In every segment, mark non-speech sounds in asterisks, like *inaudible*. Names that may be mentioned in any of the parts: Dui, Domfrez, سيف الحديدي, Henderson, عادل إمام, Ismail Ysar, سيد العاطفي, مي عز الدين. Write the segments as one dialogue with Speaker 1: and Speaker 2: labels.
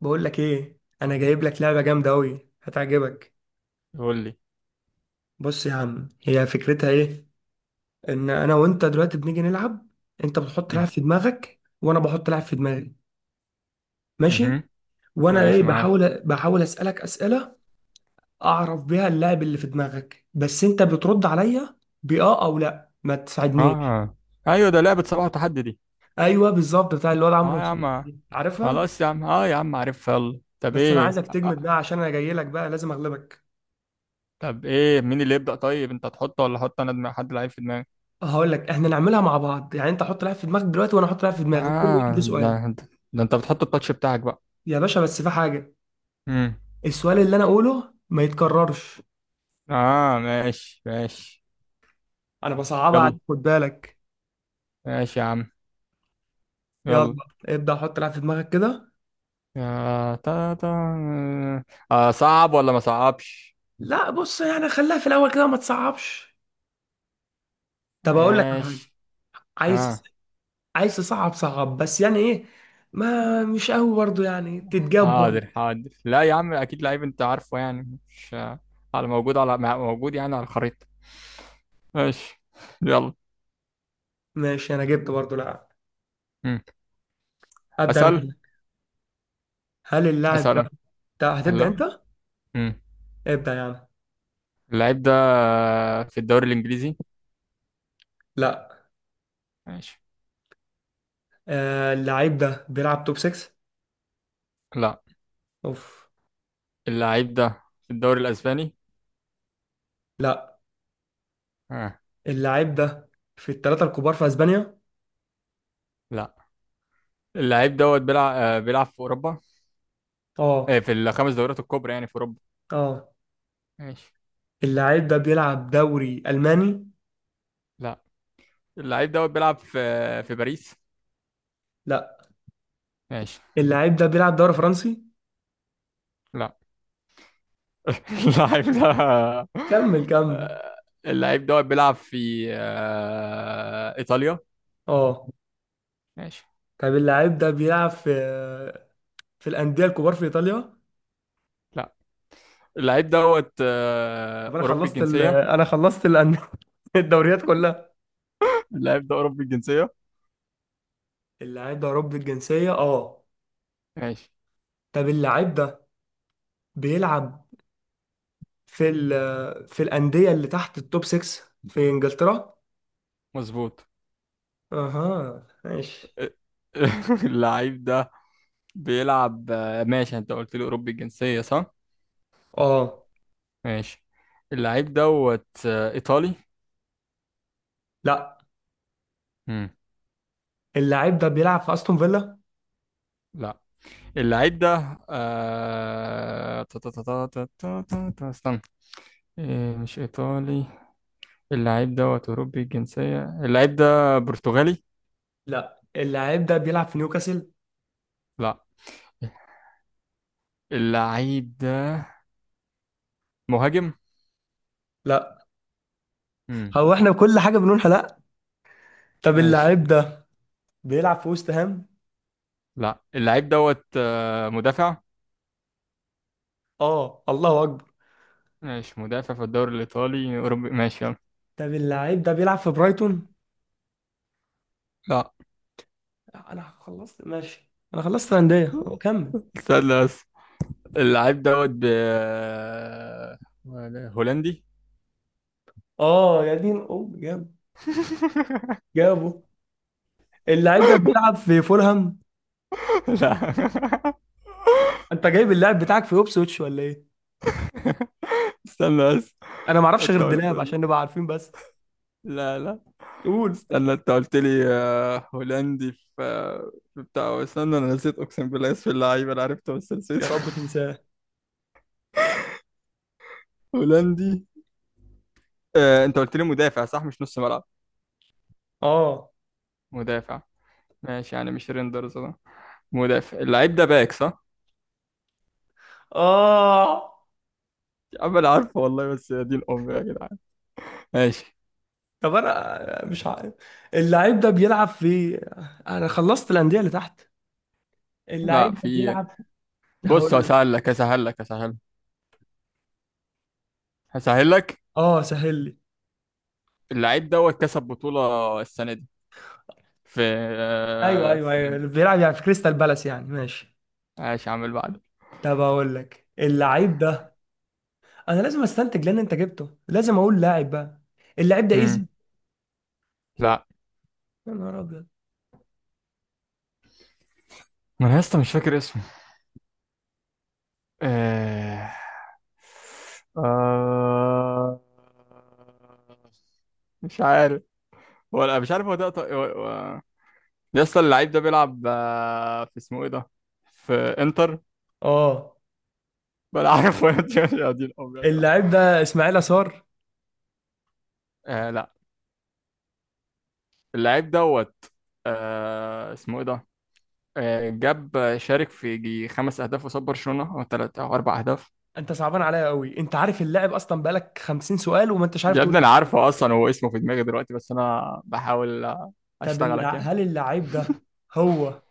Speaker 1: بقول لك ايه، انا جايب لك لعبه جامده قوي هتعجبك.
Speaker 2: قول لي.
Speaker 1: بص يا عم، هي فكرتها ايه؟ ان انا وانت دلوقتي بنيجي نلعب. انت بتحط
Speaker 2: مم.
Speaker 1: لعب في دماغك وانا بحط لعب في دماغي. ماشي.
Speaker 2: مهم.
Speaker 1: وانا ايه،
Speaker 2: ماشي معاك.
Speaker 1: بحاول اسالك اسئله اعرف بيها اللاعب اللي في دماغك، بس انت بترد عليا باه او لا، ما تساعدنيش.
Speaker 2: اه، ايوه، ده لعبة صباح وتحدي دي.
Speaker 1: ايوه بالظبط، بتاع الواد عمرو
Speaker 2: اه يا
Speaker 1: نصوحي
Speaker 2: عم،
Speaker 1: دي. عارفها؟
Speaker 2: خلاص يا عم، اه يا عم عارف. يلا،
Speaker 1: بس انا عايزك تجمد بقى، عشان انا جاي لك بقى لازم اغلبك.
Speaker 2: طب ايه مين اللي يبدأ؟ طيب انت تحطه ولا احط انا دماغ حد لعيب في دماغي.
Speaker 1: هقول لك، احنا نعملها مع بعض، يعني انت حط لعب في دماغك دلوقتي وانا احط لعب في دماغي، وكل واحد له
Speaker 2: اه،
Speaker 1: سؤال.
Speaker 2: ده انت بتحط التاتش بتاعك بقى.
Speaker 1: يا باشا، بس في حاجة:
Speaker 2: مم.
Speaker 1: السؤال اللي أنا أقوله ما يتكررش.
Speaker 2: اه، ماشي ماشي.
Speaker 1: أنا بصعبها عليك،
Speaker 2: يلا،
Speaker 1: خد بالك.
Speaker 2: ماشي يا عم،
Speaker 1: يلا،
Speaker 2: يلا.
Speaker 1: ابدأ حط لعب في دماغك كده.
Speaker 2: يا تا تا اه، صعب ولا ما صعبش؟
Speaker 1: لا بص، يعني خليها في الأول كده ما تصعبش. طب أقول لك على حاجة؟
Speaker 2: ماشي.
Speaker 1: عايز
Speaker 2: اه،
Speaker 1: عايز تصعب صعب، بس يعني إيه؟ ما مش قوي برضه، يعني تتجاب
Speaker 2: حاضر
Speaker 1: برضه.
Speaker 2: حاضر، لا يا عم اكيد لعيب، انت عارفه يعني مش على موجود يعني على الخريطة. ماشي، يلا.
Speaker 1: ماشي، أنا جبت برضه لاعب.
Speaker 2: مم.
Speaker 1: أبدأ أنا
Speaker 2: اسال،
Speaker 1: كده. هل اللاعب ده،
Speaker 2: اسال.
Speaker 1: ده هتبدأ
Speaker 2: لا.
Speaker 1: أنت؟
Speaker 2: مم.
Speaker 1: ابدأ يعني.
Speaker 2: اللعيب ده في الدوري الانجليزي؟
Speaker 1: لا.
Speaker 2: ماشي.
Speaker 1: آه، اللاعب ده بيلعب توب 6؟
Speaker 2: لا.
Speaker 1: أوف.
Speaker 2: اللعيب ده في الدوري الاسباني؟
Speaker 1: لا،
Speaker 2: آه.
Speaker 1: اللاعب ده في الثلاثة الكبار في أسبانيا؟
Speaker 2: لا. اللعيب دوت بيلعب في اوروبا.
Speaker 1: اه.
Speaker 2: في الخمس دوريات الكبرى يعني في اوروبا.
Speaker 1: اه،
Speaker 2: ماشي.
Speaker 1: اللاعب ده بيلعب دوري ألماني؟
Speaker 2: لا. اللعيب دوت بيلعب في باريس.
Speaker 1: لا،
Speaker 2: ماشي.
Speaker 1: اللاعب ده بيلعب دوري فرنسي؟
Speaker 2: لا. *laughs* اللعيب ده
Speaker 1: كمل.
Speaker 2: اللعيب دوت بيلعب في ايطاليا.
Speaker 1: اه.
Speaker 2: ماشي.
Speaker 1: طب اللاعب ده بيلعب في الأندية الكبار في إيطاليا؟
Speaker 2: لا. اللعيب دوت
Speaker 1: طب انا
Speaker 2: اوروبي
Speaker 1: خلصت
Speaker 2: الجنسيه.
Speaker 1: انا خلصت *laughs* الدوريات كلها.
Speaker 2: اللعيب ده اوروبي الجنسيه.
Speaker 1: اللاعب ده أوروبي الجنسية، اه.
Speaker 2: ماشي.
Speaker 1: طب اللاعب ده بيلعب في في الأندية اللي تحت التوب 6 في إنجلترا؟
Speaker 2: مظبوط.
Speaker 1: اها، ماشي.
Speaker 2: *laughs* اللعيب ده بيلعب ماشي، انت قلت لي اوروبي الجنسيه صح؟
Speaker 1: اه.
Speaker 2: ماشي. اللعيب دوت ايطالي.
Speaker 1: لا،
Speaker 2: مم.
Speaker 1: اللاعب ده بيلعب في أستون فيلا؟
Speaker 2: لا. اللعيب ده استنى إيه مش ايطالي؟ اللعيب دوت اوروبي الجنسيه، اللعيب ده برتغالي.
Speaker 1: لا، اللاعب ده بيلعب في نيوكاسل؟
Speaker 2: لا. اللعيب ده مهاجم.
Speaker 1: لا.
Speaker 2: امم
Speaker 1: احنا كل حاجه بنقول لا؟ طب
Speaker 2: ماشي.
Speaker 1: اللاعب ده بيلعب في وست هام؟
Speaker 2: لا. اللعيب دوت مدافع.
Speaker 1: اه، الله اكبر.
Speaker 2: ماشي، مدافع في الدوري الإيطالي أوروبي. ماشي، يلا.
Speaker 1: طب اللاعب ده بيلعب في برايتون؟
Speaker 2: لا.
Speaker 1: لا، انا خلصت، ماشي، انا خلصت الانديه، هو كمل.
Speaker 2: استنى بس، اللعيب دوت هولندي.
Speaker 1: اه يا دين ام، جاب
Speaker 2: *laughs*
Speaker 1: جابه. اللاعب ده بيلعب في فولهام؟
Speaker 2: لا،
Speaker 1: انت جايب اللاعب بتاعك في اوبسويتش ولا ايه؟
Speaker 2: استنى بس،
Speaker 1: انا ما اعرفش غير
Speaker 2: انت قلت،
Speaker 1: الدلاب، عشان نبقى عارفين بس.
Speaker 2: لا لا،
Speaker 1: قول.
Speaker 2: استنى، انت قلت لي هولندي في بتاع، استنى انا نسيت، اقسم بالله اسم اللعيب انا عرفته بس
Speaker 1: يا
Speaker 2: نسيته.
Speaker 1: رب تنساه.
Speaker 2: *laughs* هولندي. انت قلت لي مدافع صح، مش نص ملعب؟
Speaker 1: اه.
Speaker 2: مدافع. ماشي، يعني مش ريندرز ده؟ مدافع. اللعيب ده باك صح؟
Speaker 1: اه.
Speaker 2: يا عم انا عارفه والله بس يا دين امي يا جدعان. ماشي.
Speaker 1: طب انا مش عارف. اللاعب ده بيلعب في، انا خلصت الانديه اللي تحت. اللاعب
Speaker 2: لا،
Speaker 1: ده
Speaker 2: في.
Speaker 1: بيلعب.
Speaker 2: بص،
Speaker 1: هقول لك.
Speaker 2: هسهل لك.
Speaker 1: اه سهل لي.
Speaker 2: اللعيب دوت كسب بطولة السنة دي في
Speaker 1: ايوه
Speaker 2: آه،
Speaker 1: ايوه ايوه،
Speaker 2: في
Speaker 1: اللي بيلعب يعني في كريستال بالاس يعني. ماشي،
Speaker 2: ماشي، عامل بعد.
Speaker 1: طب اقول لك، اللعيب ده، انا لازم استنتج لان انت جبته، لازم اقول لاعب بقى. اللعيب ده
Speaker 2: مم.
Speaker 1: ايزي.
Speaker 2: لا،
Speaker 1: يا نهار ابيض.
Speaker 2: ما انا لسه مش فاكر اسمه. آه... آه... مش عارف. هو لا، مش عارف هو ده. يا اسطى اللعيب ده بيلعب في، اسمه ايه ده، في انتر.
Speaker 1: اه.
Speaker 2: بلا عارف. *laughs* يا دي يا دي الأم يا جدعان.
Speaker 1: اللعيب ده اسماعيل يسار؟
Speaker 2: آه، لا. اللعيب دوت اسمه ايه ده. جاب شارك في يجي خمس اهداف قصاد برشلونة، او ثلاث او اربع اهداف.
Speaker 1: انت صعبان عليا قوي، انت عارف اللاعب اصلا، بقالك 50 سؤال وما انتش عارف
Speaker 2: يا
Speaker 1: تقول.
Speaker 2: ابني انا عارفه اصلا، هو اسمه في دماغي دلوقتي بس انا بحاول
Speaker 1: طب
Speaker 2: اشتغلك يعني.
Speaker 1: هل اللعيب ده هو،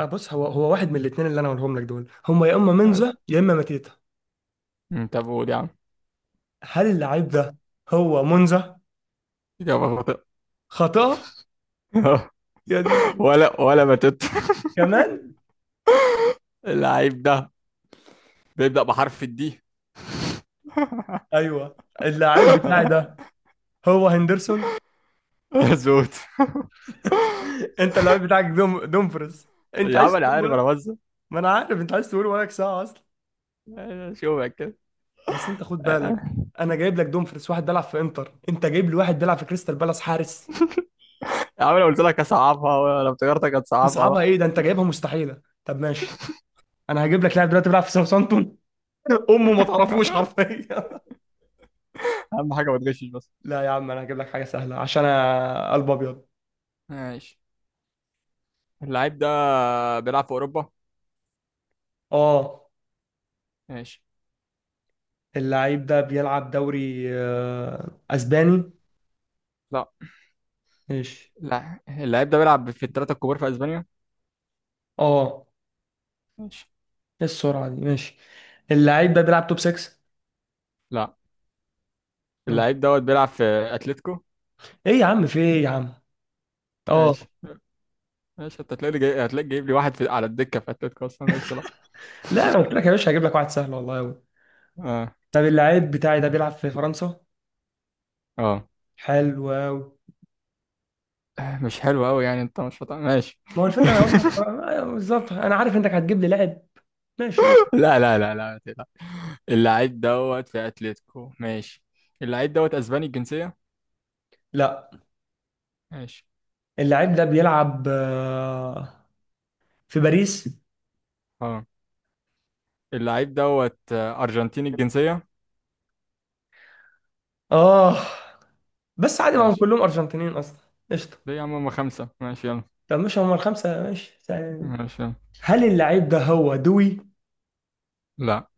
Speaker 1: أه بص، هو واحد من الاثنين اللي انا هقولهم لك دول، هما يا اما
Speaker 2: ماشي.
Speaker 1: منزه يا اما ماتيتا.
Speaker 2: طب قول يا عم.
Speaker 1: هل اللعيب ده هو منزه؟
Speaker 2: اجابه خاطئه.
Speaker 1: خطأ.
Speaker 2: *laughs*
Speaker 1: يا دي.
Speaker 2: ولا بتت. *laughs*
Speaker 1: كمان.
Speaker 2: اللعيب ده بيبدأ بحرف الدي.
Speaker 1: ايوه، اللاعب بتاعي
Speaker 2: *laughs*
Speaker 1: ده هو هندرسون.
Speaker 2: مظبوط.
Speaker 1: *laughs* انت اللاعب بتاعك دوم دومفرز. انت
Speaker 2: يا
Speaker 1: عايز
Speaker 2: عم انا
Speaker 1: تقول
Speaker 2: عارف،
Speaker 1: ولك.
Speaker 2: انا بس
Speaker 1: ما انا عارف، انت عايز تقول ولك ساعه اصلا.
Speaker 2: شوفك.
Speaker 1: بس انت خد
Speaker 2: يا
Speaker 1: بالك، انا جايب لك دومفرز، واحد بيلعب في انتر، انت جايب لي واحد بيلعب في كريستال بالاس حارس.
Speaker 2: عم انا قلت لك هصعبها، لو تجارتك هتصعبها
Speaker 1: تصعبها؟
Speaker 2: بقى.
Speaker 1: ايه ده، انت جايبها مستحيله، طب ماشي. انا هجيب لك لاعب دلوقتي بيلعب في ساوثامبتون. *laughs* امه ما تعرفوش حرفيا.
Speaker 2: اهم حاجه ما تغشش بس.
Speaker 1: *laughs* لا يا عم، انا هجيب لك حاجه سهله، عشان أنا قلب ابيض.
Speaker 2: ماشي. اللعيب ده بيلعب في اوروبا.
Speaker 1: اه.
Speaker 2: ماشي.
Speaker 1: اللعيب ده بيلعب دوري اسباني؟
Speaker 2: لا.
Speaker 1: ماشي.
Speaker 2: لا، اللعيب ده بيلعب في الثلاثه الكبار في اسبانيا.
Speaker 1: اه.
Speaker 2: ماشي.
Speaker 1: ايه السرعة دي، ماشي. اللعيب ده بيلعب توب 6؟
Speaker 2: لا.
Speaker 1: ماشي.
Speaker 2: اللعيب دوت بيلعب في اتلتيكو.
Speaker 1: ايه يا عم، في ايه يا عم؟ اه.
Speaker 2: ماشي. ماشي، انت هتلاقي جايب لي واحد على الدكه في اتلتيكو اصلا. ماشي. لا.
Speaker 1: لا، انا قلت لك يا باشا هجيب لك واحد سهل والله قوي.
Speaker 2: اه
Speaker 1: طب اللعيب بتاعي ده بيلعب في فرنسا؟
Speaker 2: اه،
Speaker 1: حلو قوي.
Speaker 2: مش حلو قوي يعني، انت مش فاطمة. ماشي.
Speaker 1: ما هو الفكرة، انا اقول لك، أيوة بالظبط، انا عارف انك هتجيب لي لاعب. ماشي، قول.
Speaker 2: *laughs* لا لا لا لا، ما تقلقش. اللعيب دوت في اتلتيكو. ماشي. اللعيب دوت اسباني الجنسيه.
Speaker 1: لا.
Speaker 2: ماشي.
Speaker 1: اللعيب ده بيلعب في باريس؟
Speaker 2: اه. اللعيب دوت أرجنتيني الجنسية.
Speaker 1: اه. بس عادي، ما هم
Speaker 2: ماشي.
Speaker 1: كلهم ارجنتينيين اصلا. قشطة.
Speaker 2: ليه يا عم، هما خمسة. ماشي يلا.
Speaker 1: طب مش هم الخمسة؟ ماشي سهل.
Speaker 2: ماشي يلا.
Speaker 1: هل اللعيب ده هو دوي؟
Speaker 2: لا.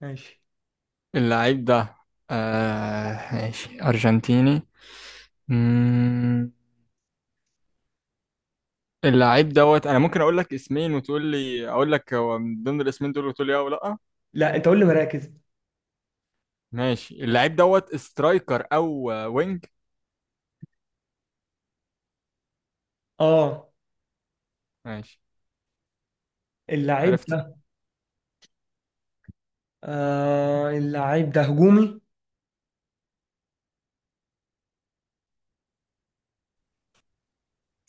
Speaker 1: ماشي.
Speaker 2: اللعيب ده ماشي، أرجنتيني. مم. اللعيب دوت أنا ممكن أقول لك اسمين وتقول لي، أقول لك هو من ضمن الاسمين دول وتقول لي أه ولا لأ.
Speaker 1: لا، انت قول لي مراكز.
Speaker 2: ماشي. اللعيب دوت سترايكر أو وينج.
Speaker 1: اه.
Speaker 2: ماشي.
Speaker 1: اللعيب،
Speaker 2: عرفته.
Speaker 1: آه اللعيب ده هجومي.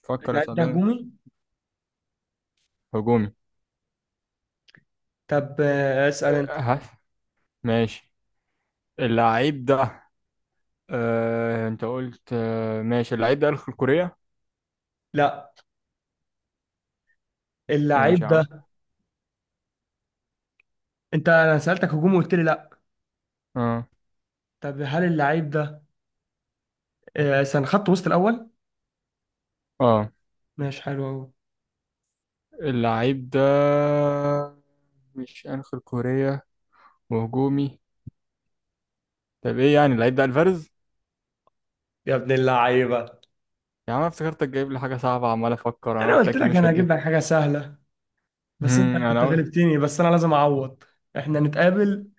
Speaker 2: فكر، يا
Speaker 1: اللعيب ده
Speaker 2: صدقني.
Speaker 1: هجومي.
Speaker 2: هجومي.
Speaker 1: طب اسأل انت.
Speaker 2: ها. ماشي. اللعيب ده أنت قلت ماشي، اللعيب ده الخلق كوريا.
Speaker 1: لا.
Speaker 2: ماشي
Speaker 1: اللعيب
Speaker 2: يا عم.
Speaker 1: ده، انت انا سألتك هجومي وقلت لي لا.
Speaker 2: اه
Speaker 1: طب هل اللعيب ده كان خط وسط الاول؟
Speaker 2: اه.
Speaker 1: ماشي حلو قوي.
Speaker 2: اللعيب ده مش شمال كوريا وهجومي. طب ايه يعني اللعيب ده الفارز؟
Speaker 1: يا ابن اللعيبة،
Speaker 2: يا عم أنا افتكرتك جايب لي حاجه صعبه، عمال افكر انا
Speaker 1: انا
Speaker 2: قلت
Speaker 1: قلت
Speaker 2: اكيد
Speaker 1: لك
Speaker 2: مش
Speaker 1: انا
Speaker 2: هتجيب.
Speaker 1: هجيب لك حاجة سهلة، بس انت انت
Speaker 2: انا قلت
Speaker 1: غلبتني، بس انا لازم اعوض. احنا نتقابل،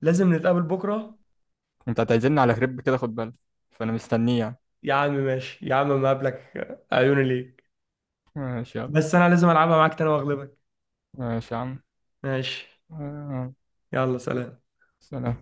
Speaker 1: لازم نتقابل بكرة.
Speaker 2: انت هتعزمني على كريب كده، خد بالك، فانا مستنيه يعني.
Speaker 1: يا عم ماشي، يا عم ما قابلك، عيوني ليك.
Speaker 2: ماشي يلا.
Speaker 1: بس انا لازم العبها معاك تاني واغلبك.
Speaker 2: ماشي يا عم.
Speaker 1: ماشي.
Speaker 2: آه،
Speaker 1: يلا سلام.
Speaker 2: سلام.